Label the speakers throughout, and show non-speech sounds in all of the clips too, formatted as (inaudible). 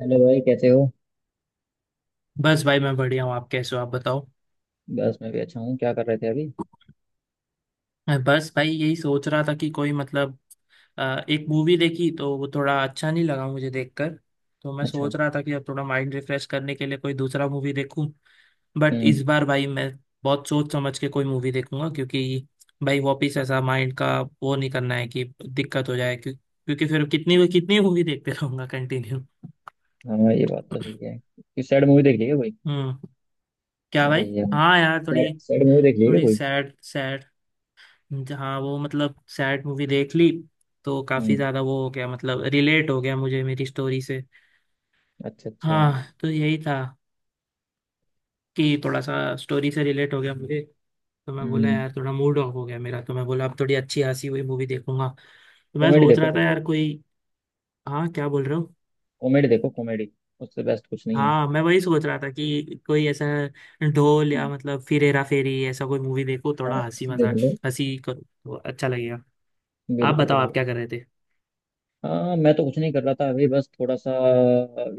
Speaker 1: Hello भाई कैसे हो।
Speaker 2: बस भाई मैं बढ़िया हूँ। आप कैसे हो? आप बताओ।
Speaker 1: बस मैं भी अच्छा हूँ। क्या कर रहे थे अभी?
Speaker 2: बस भाई यही सोच रहा था कि कोई मतलब एक मूवी देखी तो वो थोड़ा अच्छा नहीं लगा मुझे देखकर। तो मैं
Speaker 1: अच्छा।
Speaker 2: सोच रहा था कि अब थोड़ा माइंड रिफ्रेश करने के लिए कोई दूसरा मूवी देखूं। बट
Speaker 1: हम्म।
Speaker 2: इस बार भाई मैं बहुत सोच समझ के कोई मूवी देखूंगा, क्योंकि भाई वापिस ऐसा माइंड का वो नहीं करना है कि दिक्कत हो जाए क्यों, क्योंकि फिर कितनी कितनी मूवी देखते रहूंगा कंटिन्यू।
Speaker 1: हाँ ये बात तो सही है, कुछ सैड मूवी देख ली क्या कोई?
Speaker 2: हम्म। क्या
Speaker 1: अरे
Speaker 2: भाई,
Speaker 1: यार।
Speaker 2: हाँ यार
Speaker 1: सैड
Speaker 2: थोड़ी।
Speaker 1: सैड मूवी देख ली है क्या
Speaker 2: थोड़ी
Speaker 1: कोई?
Speaker 2: सैड। जहाँ वो मतलब सैड मूवी देख ली तो काफी
Speaker 1: हम्म।
Speaker 2: ज्यादा वो हो गया, मतलब रिलेट हो गया मुझे मेरी स्टोरी से।
Speaker 1: अच्छा अच्छा।
Speaker 2: हाँ तो यही था कि थोड़ा सा स्टोरी से रिलेट हो गया मुझे। तो मैं बोला
Speaker 1: हम्म।
Speaker 2: यार थोड़ा मूड ऑफ हो गया मेरा, तो मैं बोला अब थोड़ी अच्छी हंसी हुई मूवी देखूंगा। तो मैं
Speaker 1: कॉमेडी
Speaker 2: सोच
Speaker 1: देखो
Speaker 2: रहा
Speaker 1: फिर
Speaker 2: था
Speaker 1: तो।
Speaker 2: यार कोई। हाँ, क्या बोल रहे हो?
Speaker 1: कॉमेडी देखो कॉमेडी। उससे बेस्ट कुछ नहीं है।
Speaker 2: हाँ मैं वही सोच रहा था कि कोई ऐसा ढोल या
Speaker 1: हम्म।
Speaker 2: मतलब फिर हेरा फेरी, ऐसा कोई मूवी देखो
Speaker 1: हाँ,
Speaker 2: थोड़ा हंसी
Speaker 1: ऐसे देख
Speaker 2: मजाक।
Speaker 1: लो।
Speaker 2: हंसी करो तो अच्छा लगेगा। आप
Speaker 1: बिल्कुल
Speaker 2: बताओ आप
Speaker 1: बिल्कुल।
Speaker 2: क्या कर रहे थे?
Speaker 1: हाँ मैं तो कुछ नहीं कर रहा था अभी, बस थोड़ा सा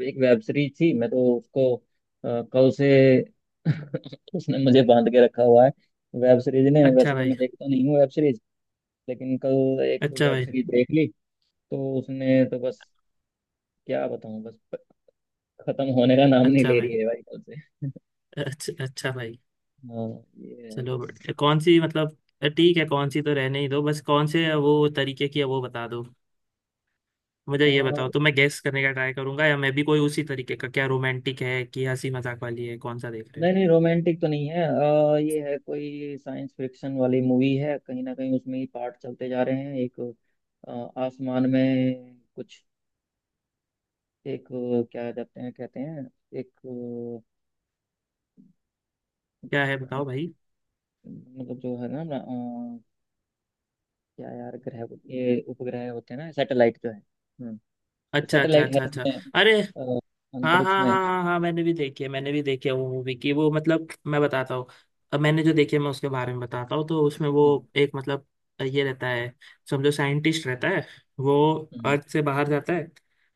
Speaker 1: एक वेब सीरीज थी, मैं तो उसको कल से (laughs) उसने मुझे बांध के रखा हुआ है। वेब सीरीज ने, वैसे
Speaker 2: अच्छा
Speaker 1: तो मैं
Speaker 2: भाई।
Speaker 1: देखता नहीं हूँ वेब सीरीज, लेकिन कल एक तो
Speaker 2: अच्छा
Speaker 1: वेब
Speaker 2: भाई।
Speaker 1: सीरीज देख ली, तो उसने तो बस, क्या बताऊं, बस खत्म होने का नाम नहीं
Speaker 2: अच्छा
Speaker 1: ले
Speaker 2: भाई।
Speaker 1: रही है भाई कल से।
Speaker 2: अच्छा अच्छा भाई।
Speaker 1: हाँ ये है
Speaker 2: चलो
Speaker 1: बस।
Speaker 2: बढ़िया। कौन सी मतलब ठीक है, कौन सी तो रहने ही दो, बस कौन से वो तरीके की है वो बता दो। मुझे
Speaker 1: अ,
Speaker 2: ये बताओ तो मैं गेस करने का ट्राई करूंगा, या मैं भी कोई उसी तरीके का, क्या रोमांटिक है कि हंसी मजाक वाली है, कौन सा देख रहे हो?
Speaker 1: नहीं नहीं, रोमांटिक तो नहीं है, ये है कोई साइंस फिक्शन वाली मूवी है, कहीं ना कहीं उसमें ही पार्ट चलते जा रहे हैं एक, अ, आसमान में कुछ एक, क्या कहते हैं एक,
Speaker 2: क्या है
Speaker 1: अ,
Speaker 2: बताओ भाई।
Speaker 1: मतलब जो है ना, क्या यार, ग्रह, ये उपग्रह होते हैं ना, सैटेलाइट जो है। हाँ। तो
Speaker 2: अच्छा अच्छा
Speaker 1: सैटेलाइट है
Speaker 2: अच्छा अच्छा।
Speaker 1: इसमें,
Speaker 2: अरे
Speaker 1: अ,
Speaker 2: हाँ हाँ
Speaker 1: अंतरिक्ष
Speaker 2: हाँ
Speaker 1: में।
Speaker 2: हाँ हाँ, मैंने भी देखी है, मैंने भी देखी है वो मूवी की वो, मतलब मैं बताता हूँ। अब मैंने जो देखी है मैं उसके बारे में बताता हूँ, तो उसमें वो
Speaker 1: हम्म।
Speaker 2: एक मतलब ये रहता है, समझो साइंटिस्ट रहता है। वो
Speaker 1: हम्म।
Speaker 2: अर्थ से बाहर जाता है।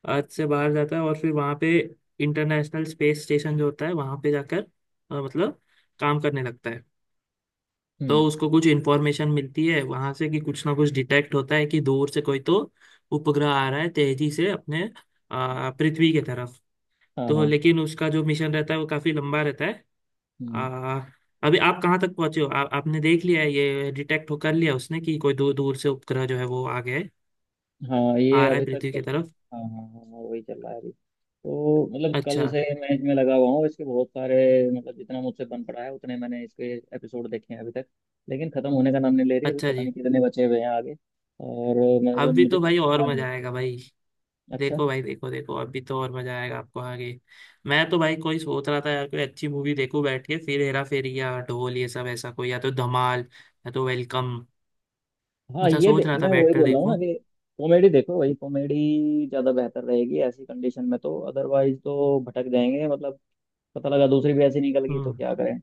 Speaker 2: अर्थ से बाहर जाता है और फिर वहाँ पे इंटरनेशनल स्पेस स्टेशन जो होता है वहाँ पे जाकर मतलब काम करने लगता है।
Speaker 1: हम्म,
Speaker 2: तो उसको कुछ इन्फॉर्मेशन मिलती है वहाँ से कि कुछ ना कुछ डिटेक्ट होता है कि दूर से कोई तो उपग्रह आ रहा है तेजी से अपने पृथ्वी की तरफ।
Speaker 1: हाँ
Speaker 2: तो
Speaker 1: हाँ।
Speaker 2: लेकिन उसका जो मिशन रहता है वो काफी लंबा रहता है।
Speaker 1: हम्म।
Speaker 2: आ, अभी आप कहाँ तक पहुंचे हो? आपने देख लिया है ये डिटेक्ट हो कर लिया उसने कि कोई दूर दूर से उपग्रह जो है वो आ गया है,
Speaker 1: हाँ ये
Speaker 2: आ रहा
Speaker 1: अभी
Speaker 2: है
Speaker 1: तक
Speaker 2: पृथ्वी की
Speaker 1: चल।
Speaker 2: तरफ।
Speaker 1: हाँ हाँ हाँ हाँ, वही चल रहा है अभी। तो मतलब कल
Speaker 2: अच्छा।
Speaker 1: से मैच में लगा हुआ हूँ इसके, बहुत सारे मतलब जितना मुझसे बन पड़ा है उतने मैंने इसके एपिसोड देखे हैं अभी तक, लेकिन खत्म होने का नाम नहीं ले रही। अभी
Speaker 2: अच्छा
Speaker 1: पता
Speaker 2: जी।
Speaker 1: नहीं कितने बचे हुए हैं आगे। और
Speaker 2: अभी
Speaker 1: मुझे
Speaker 2: तो
Speaker 1: तो
Speaker 2: भाई और
Speaker 1: बता
Speaker 2: मजा
Speaker 1: दो।
Speaker 2: आएगा भाई।
Speaker 1: अच्छा।
Speaker 2: देखो भाई, देखो देखो अभी तो और मजा आएगा आपको आगे। मैं तो भाई कोई सोच रहा था यार, कोई अच्छी मूवी देखूं बैठ के, फिर हेरा फेरी या ढोल, ये सब ऐसा कोई, या तो धमाल या तो वेलकम,
Speaker 1: हाँ
Speaker 2: ऐसा सोच रहा था
Speaker 1: मैं
Speaker 2: बैठ
Speaker 1: वही
Speaker 2: कर
Speaker 1: बोल रहा हूँ ना
Speaker 2: देखूं।
Speaker 1: कि कॉमेडी देखो, वही कॉमेडी ज्यादा बेहतर रहेगी ऐसी कंडीशन में, तो अदरवाइज तो भटक जाएंगे मतलब, पता लगा दूसरी भी ऐसी निकल गई तो
Speaker 2: हम्म,
Speaker 1: क्या करें।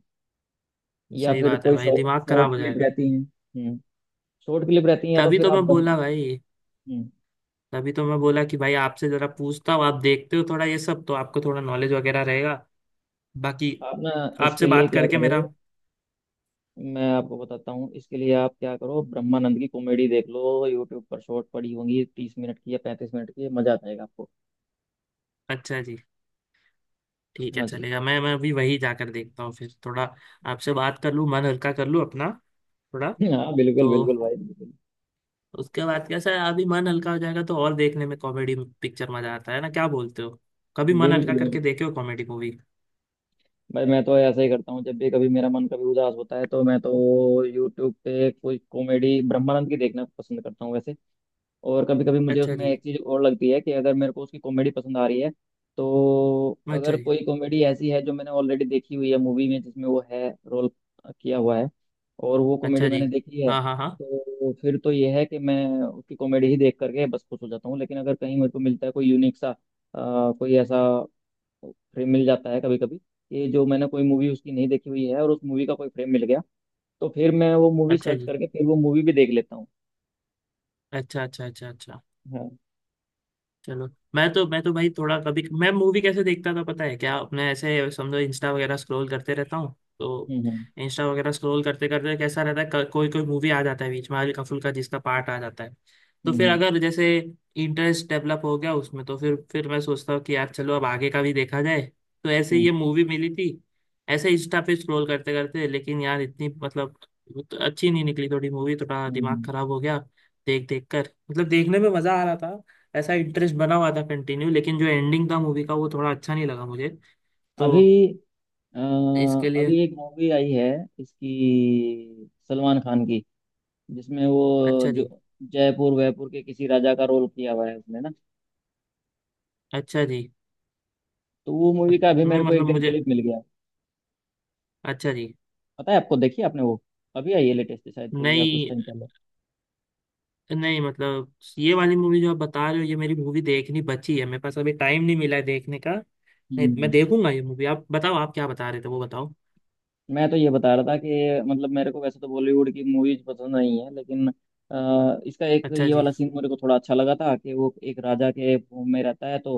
Speaker 1: या
Speaker 2: सही
Speaker 1: फिर
Speaker 2: बात है
Speaker 1: कोई
Speaker 2: भाई दिमाग खराब
Speaker 1: शॉर्ट
Speaker 2: हो
Speaker 1: क्लिप
Speaker 2: जाएगा।
Speaker 1: रहती है। हम्म। शॉर्ट क्लिप रहती है, या तो
Speaker 2: तभी
Speaker 1: फिर
Speaker 2: तो
Speaker 1: आप
Speaker 2: मैं
Speaker 1: ब्रह्म
Speaker 2: बोला भाई,
Speaker 1: हम्म,
Speaker 2: तभी तो मैं बोला कि भाई आपसे जरा पूछता हूँ, आप देखते हो थोड़ा ये सब तो आपको थोड़ा नॉलेज वगैरह रहेगा। बाकी
Speaker 1: आप ना, इसके
Speaker 2: आपसे
Speaker 1: लिए
Speaker 2: बात
Speaker 1: क्या
Speaker 2: करके
Speaker 1: करो,
Speaker 2: मेरा
Speaker 1: मैं आपको बताता हूँ इसके लिए आप क्या करो, ब्रह्मानंद की कॉमेडी देख लो यूट्यूब पर, शॉर्ट पड़ी होंगी तीस मिनट की या पैंतीस मिनट की, मजा आ जाएगा आपको।
Speaker 2: अच्छा जी। ठीक है
Speaker 1: हाँ जी।
Speaker 2: चलेगा, मैं अभी वही जाकर देखता हूँ फिर थोड़ा आपसे बात कर लूँ, मन हल्का कर लूँ अपना थोड़ा।
Speaker 1: (laughs) हाँ बिल्कुल
Speaker 2: तो
Speaker 1: बिल्कुल भाई, बिल्कुल
Speaker 2: उसके बाद कैसा है अभी मन हल्का हो जाएगा तो और देखने में कॉमेडी पिक्चर मजा आता है ना, क्या बोलते हो? कभी मन हल्का
Speaker 1: बिल्कुल
Speaker 2: करके
Speaker 1: बिल्कुल।
Speaker 2: देखे हो कॉमेडी मूवी?
Speaker 1: भाई मैं तो ऐसा ही करता हूँ, जब भी कभी मेरा मन कभी उदास होता है तो मैं तो यूट्यूब पे कोई कॉमेडी ब्रह्मानंद की देखना पसंद करता हूँ वैसे। और कभी कभी मुझे
Speaker 2: अच्छा
Speaker 1: उसमें
Speaker 2: जी।
Speaker 1: एक चीज़ और लगती है कि अगर मेरे को उसकी कॉमेडी पसंद आ रही है, तो
Speaker 2: अच्छा
Speaker 1: अगर
Speaker 2: जी।
Speaker 1: कोई कॉमेडी ऐसी है जो मैंने ऑलरेडी देखी हुई है मूवी में जिसमें वो है रोल किया हुआ है, और वो कॉमेडी
Speaker 2: अच्छा जी।
Speaker 1: मैंने देखी है,
Speaker 2: हाँ हाँ हाँ।
Speaker 1: तो फिर तो ये है कि मैं उसकी कॉमेडी ही देख करके बस खुश हो जाता हूँ। लेकिन अगर कहीं मेरे को मिलता है कोई यूनिक सा कोई ऐसा फ्रेम मिल जाता है कभी कभी, कि जो मैंने कोई मूवी उसकी नहीं देखी हुई है और उस मूवी का कोई फ्रेम मिल गया, तो फिर मैं वो मूवी
Speaker 2: अच्छा
Speaker 1: सर्च
Speaker 2: जी।
Speaker 1: करके फिर वो मूवी भी देख लेता हूँ।
Speaker 2: अच्छा अच्छा अच्छा अच्छा।
Speaker 1: हाँ।
Speaker 2: चलो। मैं तो भाई थोड़ा, कभी मैं मूवी कैसे देखता था पता है क्या, अपने ऐसे समझो इंस्टा वगैरह स्क्रॉल करते रहता हूँ तो
Speaker 1: हम्म।
Speaker 2: इंस्टा वगैरह स्क्रॉल करते करते कैसा रहता है कोई कोई मूवी आ जाता है बीच में हल्का फुल्का, जिसका पार्ट आ जाता है। तो फिर
Speaker 1: हम्म
Speaker 2: अगर जैसे इंटरेस्ट डेवलप हो गया उसमें तो फिर मैं सोचता हूँ कि यार चलो अब आगे का भी देखा जाए। तो ऐसे ही
Speaker 1: हम्म।
Speaker 2: ये मूवी मिली थी, ऐसे इंस्टा पे स्क्रॉल करते करते, लेकिन यार इतनी मतलब तो अच्छी नहीं निकली थोड़ी मूवी, थोड़ा
Speaker 1: हम्म
Speaker 2: दिमाग
Speaker 1: हम्म।
Speaker 2: खराब हो गया देख देख कर। मतलब देखने में मजा आ रहा था, ऐसा इंटरेस्ट बना हुआ था कंटिन्यू, लेकिन जो एंडिंग था मूवी का वो थोड़ा अच्छा नहीं लगा मुझे। तो
Speaker 1: अभी अ,
Speaker 2: इसके लिए
Speaker 1: अभी एक मूवी आई है इसकी सलमान खान की, जिसमें वो
Speaker 2: अच्छा
Speaker 1: जो
Speaker 2: जी।
Speaker 1: जयपुर वयपुर के किसी राजा का रोल किया हुआ है उसने ना,
Speaker 2: अच्छा जी।
Speaker 1: तो वो
Speaker 2: अ-
Speaker 1: मूवी का अभी
Speaker 2: नहीं
Speaker 1: मेरे को एक
Speaker 2: मतलब
Speaker 1: दिन
Speaker 2: मुझे
Speaker 1: क्लिप मिल गया।
Speaker 2: अच्छा जी।
Speaker 1: पता है आपको, देखिए आपने वो, अभी आई है लेटेस्ट शायद कोई, या कुछ
Speaker 2: नहीं
Speaker 1: टाइम पहले।
Speaker 2: नहीं मतलब ये वाली मूवी जो आप बता रहे हो, ये मेरी मूवी देखनी बची है, मेरे पास अभी टाइम नहीं मिला है देखने का। नहीं मैं
Speaker 1: हम्म।
Speaker 2: देखूंगा ये मूवी, आप बताओ आप क्या बता रहे थे वो बताओ।
Speaker 1: मैं तो ये बता रहा था कि मतलब मेरे को वैसे तो बॉलीवुड की मूवीज पसंद नहीं है, लेकिन इसका एक
Speaker 2: अच्छा
Speaker 1: ये
Speaker 2: जी।
Speaker 1: वाला सीन मेरे को थोड़ा अच्छा लगा था, कि वो एक राजा के भूम में रहता है, तो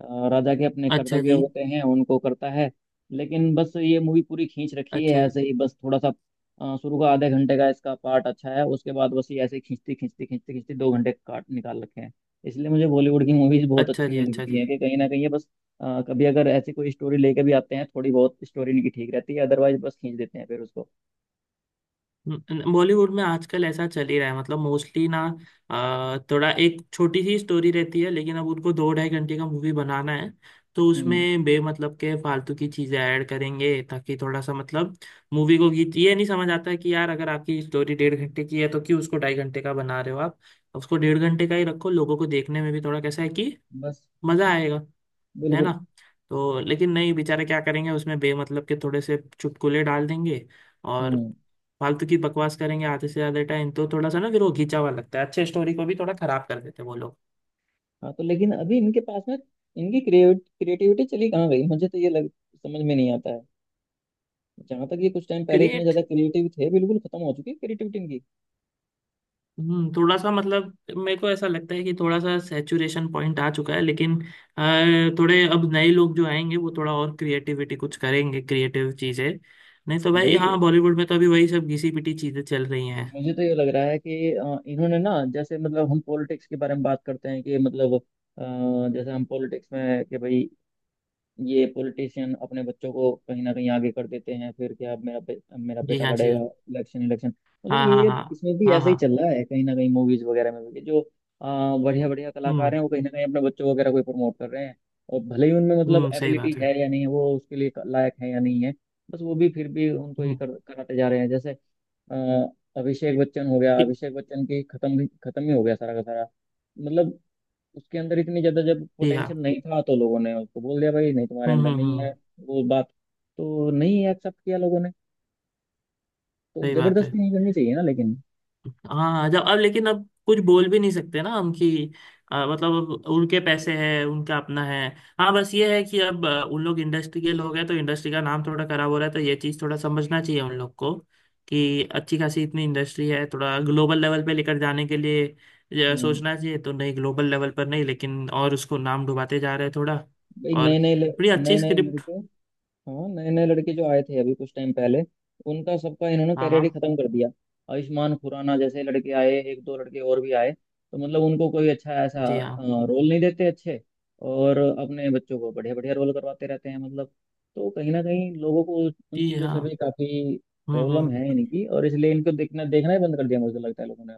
Speaker 1: राजा के अपने
Speaker 2: अच्छा
Speaker 1: कर्तव्य
Speaker 2: जी।
Speaker 1: होते हैं उनको करता है। लेकिन बस ये मूवी पूरी खींच रखी है
Speaker 2: अच्छा जी।
Speaker 1: ऐसे ही बस थोड़ा सा। शुरू का आधे घंटे का इसका पार्ट अच्छा है, उसके बाद बस ये ऐसे ही खींचती खींचती खींचती खींचती दो घंटे काट निकाल रखे हैं। इसलिए मुझे बॉलीवुड की मूवीज बहुत
Speaker 2: अच्छा
Speaker 1: अच्छी
Speaker 2: जी।
Speaker 1: नहीं
Speaker 2: अच्छा
Speaker 1: लगती
Speaker 2: जी।
Speaker 1: हैं, कि कहीं ना कहीं ये बस कभी अगर ऐसी कोई स्टोरी लेके भी आते हैं, थोड़ी बहुत स्टोरी इनकी ठीक रहती है, अदरवाइज बस खींच देते हैं फिर उसको।
Speaker 2: बॉलीवुड में आजकल ऐसा चल ही रहा है मतलब, मोस्टली ना थोड़ा एक छोटी सी स्टोरी रहती है लेकिन अब उनको दो ढाई घंटे का मूवी बनाना है। तो
Speaker 1: हम्म।
Speaker 2: उसमें बेमतलब के फालतू की चीजें ऐड करेंगे ताकि थोड़ा सा मतलब मूवी को गीत, ये नहीं समझ आता है कि यार अगर आपकी स्टोरी डेढ़ घंटे की है तो क्यों उसको ढाई घंटे का बना रहे हो आप? उसको डेढ़ घंटे का ही रखो, लोगों को देखने में भी थोड़ा कैसा है कि
Speaker 1: बस
Speaker 2: मजा आएगा, है ना?
Speaker 1: बिल्कुल।
Speaker 2: तो लेकिन नहीं, बेचारे क्या करेंगे, उसमें बेमतलब के थोड़े से चुटकुले डाल देंगे और
Speaker 1: हम्म।
Speaker 2: फालतू की बकवास करेंगे आधे से ज्यादा टाइम, तो थोड़ा सा ना फिर वो घिंचा हुआ लगता है, अच्छे स्टोरी को भी थोड़ा खराब कर देते हैं वो लोग।
Speaker 1: हाँ, तो लेकिन अभी इनके पास में इनकी क्रिएटिविटी चली कहाँ गई, मुझे तो ये लग, समझ में नहीं आता है। जहाँ तक ये कुछ टाइम पहले इतने
Speaker 2: क्रिएट,
Speaker 1: ज्यादा क्रिएटिव थे, बिल्कुल खत्म हो चुकी है क्रिएटिविटी इनकी।
Speaker 2: हम्म, थोड़ा सा मतलब मेरे को ऐसा लगता है कि थोड़ा सा सैचुरेशन पॉइंट आ चुका है, लेकिन थोड़े अब नए लोग जो आएंगे वो थोड़ा और क्रिएटिविटी कुछ करेंगे, क्रिएटिव चीजें। नहीं तो भाई
Speaker 1: भाई
Speaker 2: हाँ, बॉलीवुड में तो अभी वही सब घिसी पिटी चीजें चल रही हैं।
Speaker 1: मुझे तो ये लग रहा है कि इन्होंने ना, जैसे मतलब हम पॉलिटिक्स के बारे में बात करते हैं, कि मतलब जैसे हम पॉलिटिक्स में, कि भाई ये पॉलिटिशियन अपने बच्चों को कहीं ना कहीं आगे कर देते हैं, फिर क्या, मेरा
Speaker 2: जी
Speaker 1: बेटा
Speaker 2: हाँ। जी
Speaker 1: लड़ेगा
Speaker 2: हाँ।
Speaker 1: Election election. मतलब
Speaker 2: हाँ हाँ
Speaker 1: ये
Speaker 2: हाँ
Speaker 1: इसमें भी
Speaker 2: हाँ
Speaker 1: ऐसा ही
Speaker 2: हाँ।
Speaker 1: चल रहा है कहीं ना कहीं मूवीज वगैरह में भी, जो बढ़िया बढ़िया कलाकार
Speaker 2: हम्म
Speaker 1: हैं वो कहीं ना कहीं अपने बच्चों वगैरह को प्रमोट कर रहे हैं। और भले ही उनमें मतलब
Speaker 2: हम्म, सही
Speaker 1: एबिलिटी
Speaker 2: बात है।
Speaker 1: है या नहीं है, वो उसके लिए लायक है या नहीं है, बस वो भी फिर भी उनको
Speaker 2: हम्म।
Speaker 1: कराते जा रहे हैं, जैसे आ, अभिषेक बच्चन हो गया,
Speaker 2: ठीक।
Speaker 1: अभिषेक बच्चन की खत्म ही हो गया सारा का सारा। मतलब उसके अंदर इतनी ज्यादा जब
Speaker 2: ठीक है।
Speaker 1: पोटेंशियल नहीं था, तो लोगों ने उसको बोल दिया भाई नहीं, तुम्हारे अंदर नहीं है
Speaker 2: हम्म।
Speaker 1: वो बात, तो नहीं एक्सेप्ट किया लोगों ने, तो
Speaker 2: सही बात है।
Speaker 1: जबरदस्ती नहीं करनी चाहिए ना लेकिन।
Speaker 2: हाँ जब अब लेकिन अब कुछ बोल भी नहीं सकते ना हम कि मतलब अब उनके पैसे हैं उनका अपना है। हाँ बस ये है कि अब उन लोग इंडस्ट्री के लोग हैं तो इंडस्ट्री का नाम थोड़ा खराब हो रहा है, तो ये चीज़ थोड़ा समझना चाहिए उन लोग को कि अच्छी खासी इतनी इंडस्ट्री है थोड़ा ग्लोबल लेवल पे लेकर जाने के लिए, ये
Speaker 1: हम्म।
Speaker 2: सोचना चाहिए, तो नहीं ग्लोबल लेवल पर नहीं लेकिन और उसको नाम डुबाते जा रहे हैं थोड़ा।
Speaker 1: भाई
Speaker 2: और बड़ी
Speaker 1: नए
Speaker 2: अच्छी
Speaker 1: नए
Speaker 2: स्क्रिप्ट
Speaker 1: लड़के, हाँ नए नए लड़के जो आए थे अभी कुछ टाइम पहले, उनका सबका इन्होंने
Speaker 2: हाँ
Speaker 1: कैरियर
Speaker 2: हाँ।
Speaker 1: ही खत्म कर दिया। आयुष्मान खुराना जैसे लड़के आए, एक दो लड़के और भी आए, तो मतलब उनको कोई अच्छा ऐसा
Speaker 2: जी हाँ।
Speaker 1: रोल नहीं देते अच्छे, और अपने बच्चों को बढ़िया बढ़िया रोल करवाते रहते हैं मतलब। तो कहीं ना कहीं लोगों को उन
Speaker 2: जी
Speaker 1: चीज़ों से
Speaker 2: हाँ।
Speaker 1: भी काफ़ी प्रॉब्लम है
Speaker 2: हम्म,
Speaker 1: इनकी, और इसलिए इनको देखना देखना ही बंद कर दिया मुझे तो लगता है लोगों ने।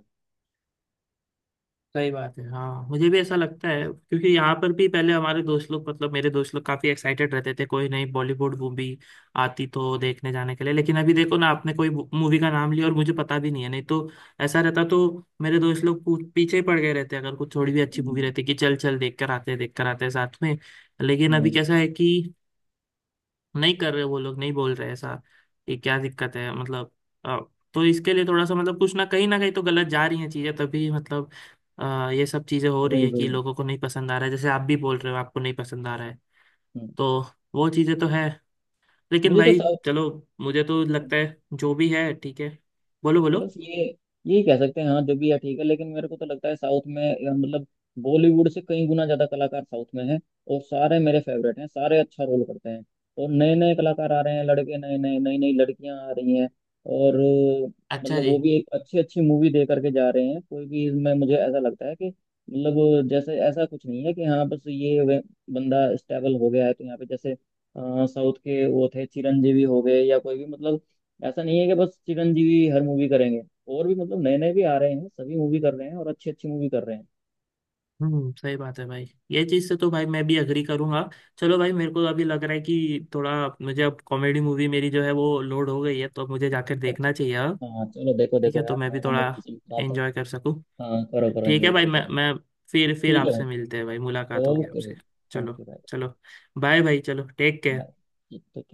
Speaker 2: सही बात है। हाँ मुझे भी ऐसा लगता है क्योंकि यहाँ पर भी पहले हमारे दोस्त लोग, मतलब मेरे दोस्त लोग काफी एक्साइटेड रहते थे, कोई नई बॉलीवुड मूवी आती तो देखने जाने के लिए, लेकिन अभी देखो ना आपने कोई मूवी का नाम लिया और मुझे पता भी नहीं है। नहीं तो ऐसा रहता तो मेरे दोस्त लोग पीछे ही पड़ गए रहते अगर कुछ थोड़ी भी अच्छी मूवी
Speaker 1: हम्म।
Speaker 2: रहती कि चल चल देख कर आते हैं, देख कर आते हैं साथ में। लेकिन अभी
Speaker 1: हम्म,
Speaker 2: कैसा है कि नहीं कर रहे वो लोग, नहीं बोल रहे ऐसा। ये क्या दिक्कत है मतलब? अ, तो इसके लिए थोड़ा सा मतलब कुछ ना, कहीं ना कहीं तो गलत जा रही हैं चीजें, तभी मतलब ये सब चीजें हो रही
Speaker 1: वही
Speaker 2: है कि
Speaker 1: वही।
Speaker 2: लोगों को नहीं पसंद आ रहा है, जैसे आप भी बोल रहे हो आपको नहीं पसंद आ रहा है।
Speaker 1: हम्म।
Speaker 2: तो वो चीजें तो है, लेकिन
Speaker 1: मुझे तो
Speaker 2: भाई
Speaker 1: साउथ,
Speaker 2: चलो मुझे तो लगता है जो भी है ठीक है। बोलो बोलो।
Speaker 1: बस ये यही कह सकते हैं, हाँ जो भी है ठीक है, लेकिन मेरे को तो लगता है साउथ में मतलब बॉलीवुड से कई गुना ज्यादा कलाकार साउथ में हैं। और सारे मेरे फेवरेट हैं, सारे अच्छा रोल करते हैं। और नए नए कलाकार आ रहे हैं, लड़के नए नए, नई नई लड़कियां आ रही हैं। और
Speaker 2: अच्छा
Speaker 1: मतलब
Speaker 2: जी।
Speaker 1: वो भी एक अच्छी अच्छी मूवी दे करके जा रहे हैं कोई भी। इसमें मुझे ऐसा लगता है कि मतलब, जैसे ऐसा कुछ नहीं है कि हाँ बस ये बंदा स्टेबल हो गया है, तो यहाँ पे जैसे साउथ के वो थे चिरंजीवी हो गए या कोई भी मतलब, ऐसा नहीं है कि बस चिरंजीवी हर मूवी करेंगे। और भी मतलब नए नए भी आ रहे हैं, सभी मूवी कर रहे हैं और अच्छी अच्छी मूवी कर रहे हैं।
Speaker 2: हम्म, सही बात है भाई। ये चीज से तो भाई मैं भी अग्री करूंगा। चलो भाई, मेरे को अभी लग रहा है कि थोड़ा, मुझे अब कॉमेडी मूवी मेरी जो है वो लोड हो गई है, तो अब मुझे जाकर
Speaker 1: अच्छा अच्छा।
Speaker 2: देखना चाहिए अब।
Speaker 1: हाँ चलो देखो
Speaker 2: ठीक
Speaker 1: देखो
Speaker 2: है तो
Speaker 1: यार,
Speaker 2: मैं भी
Speaker 1: तुम्हारा मूड
Speaker 2: थोड़ा
Speaker 1: मुझे भी खराब था
Speaker 2: एंजॉय कर सकूं।
Speaker 1: तो। हाँ करो करो
Speaker 2: ठीक है
Speaker 1: एंजॉय
Speaker 2: भाई,
Speaker 1: करो
Speaker 2: मैं
Speaker 1: चलो।
Speaker 2: मैं फिर
Speaker 1: ठीक है भाई।
Speaker 2: आपसे मिलते हैं भाई, मुलाकात होगी
Speaker 1: ओके भाई।
Speaker 2: आपसे। चलो।
Speaker 1: ओके भाई।
Speaker 2: चलो। बाय भाई, चलो टेक केयर।
Speaker 1: बाय। ठीक ठीक है।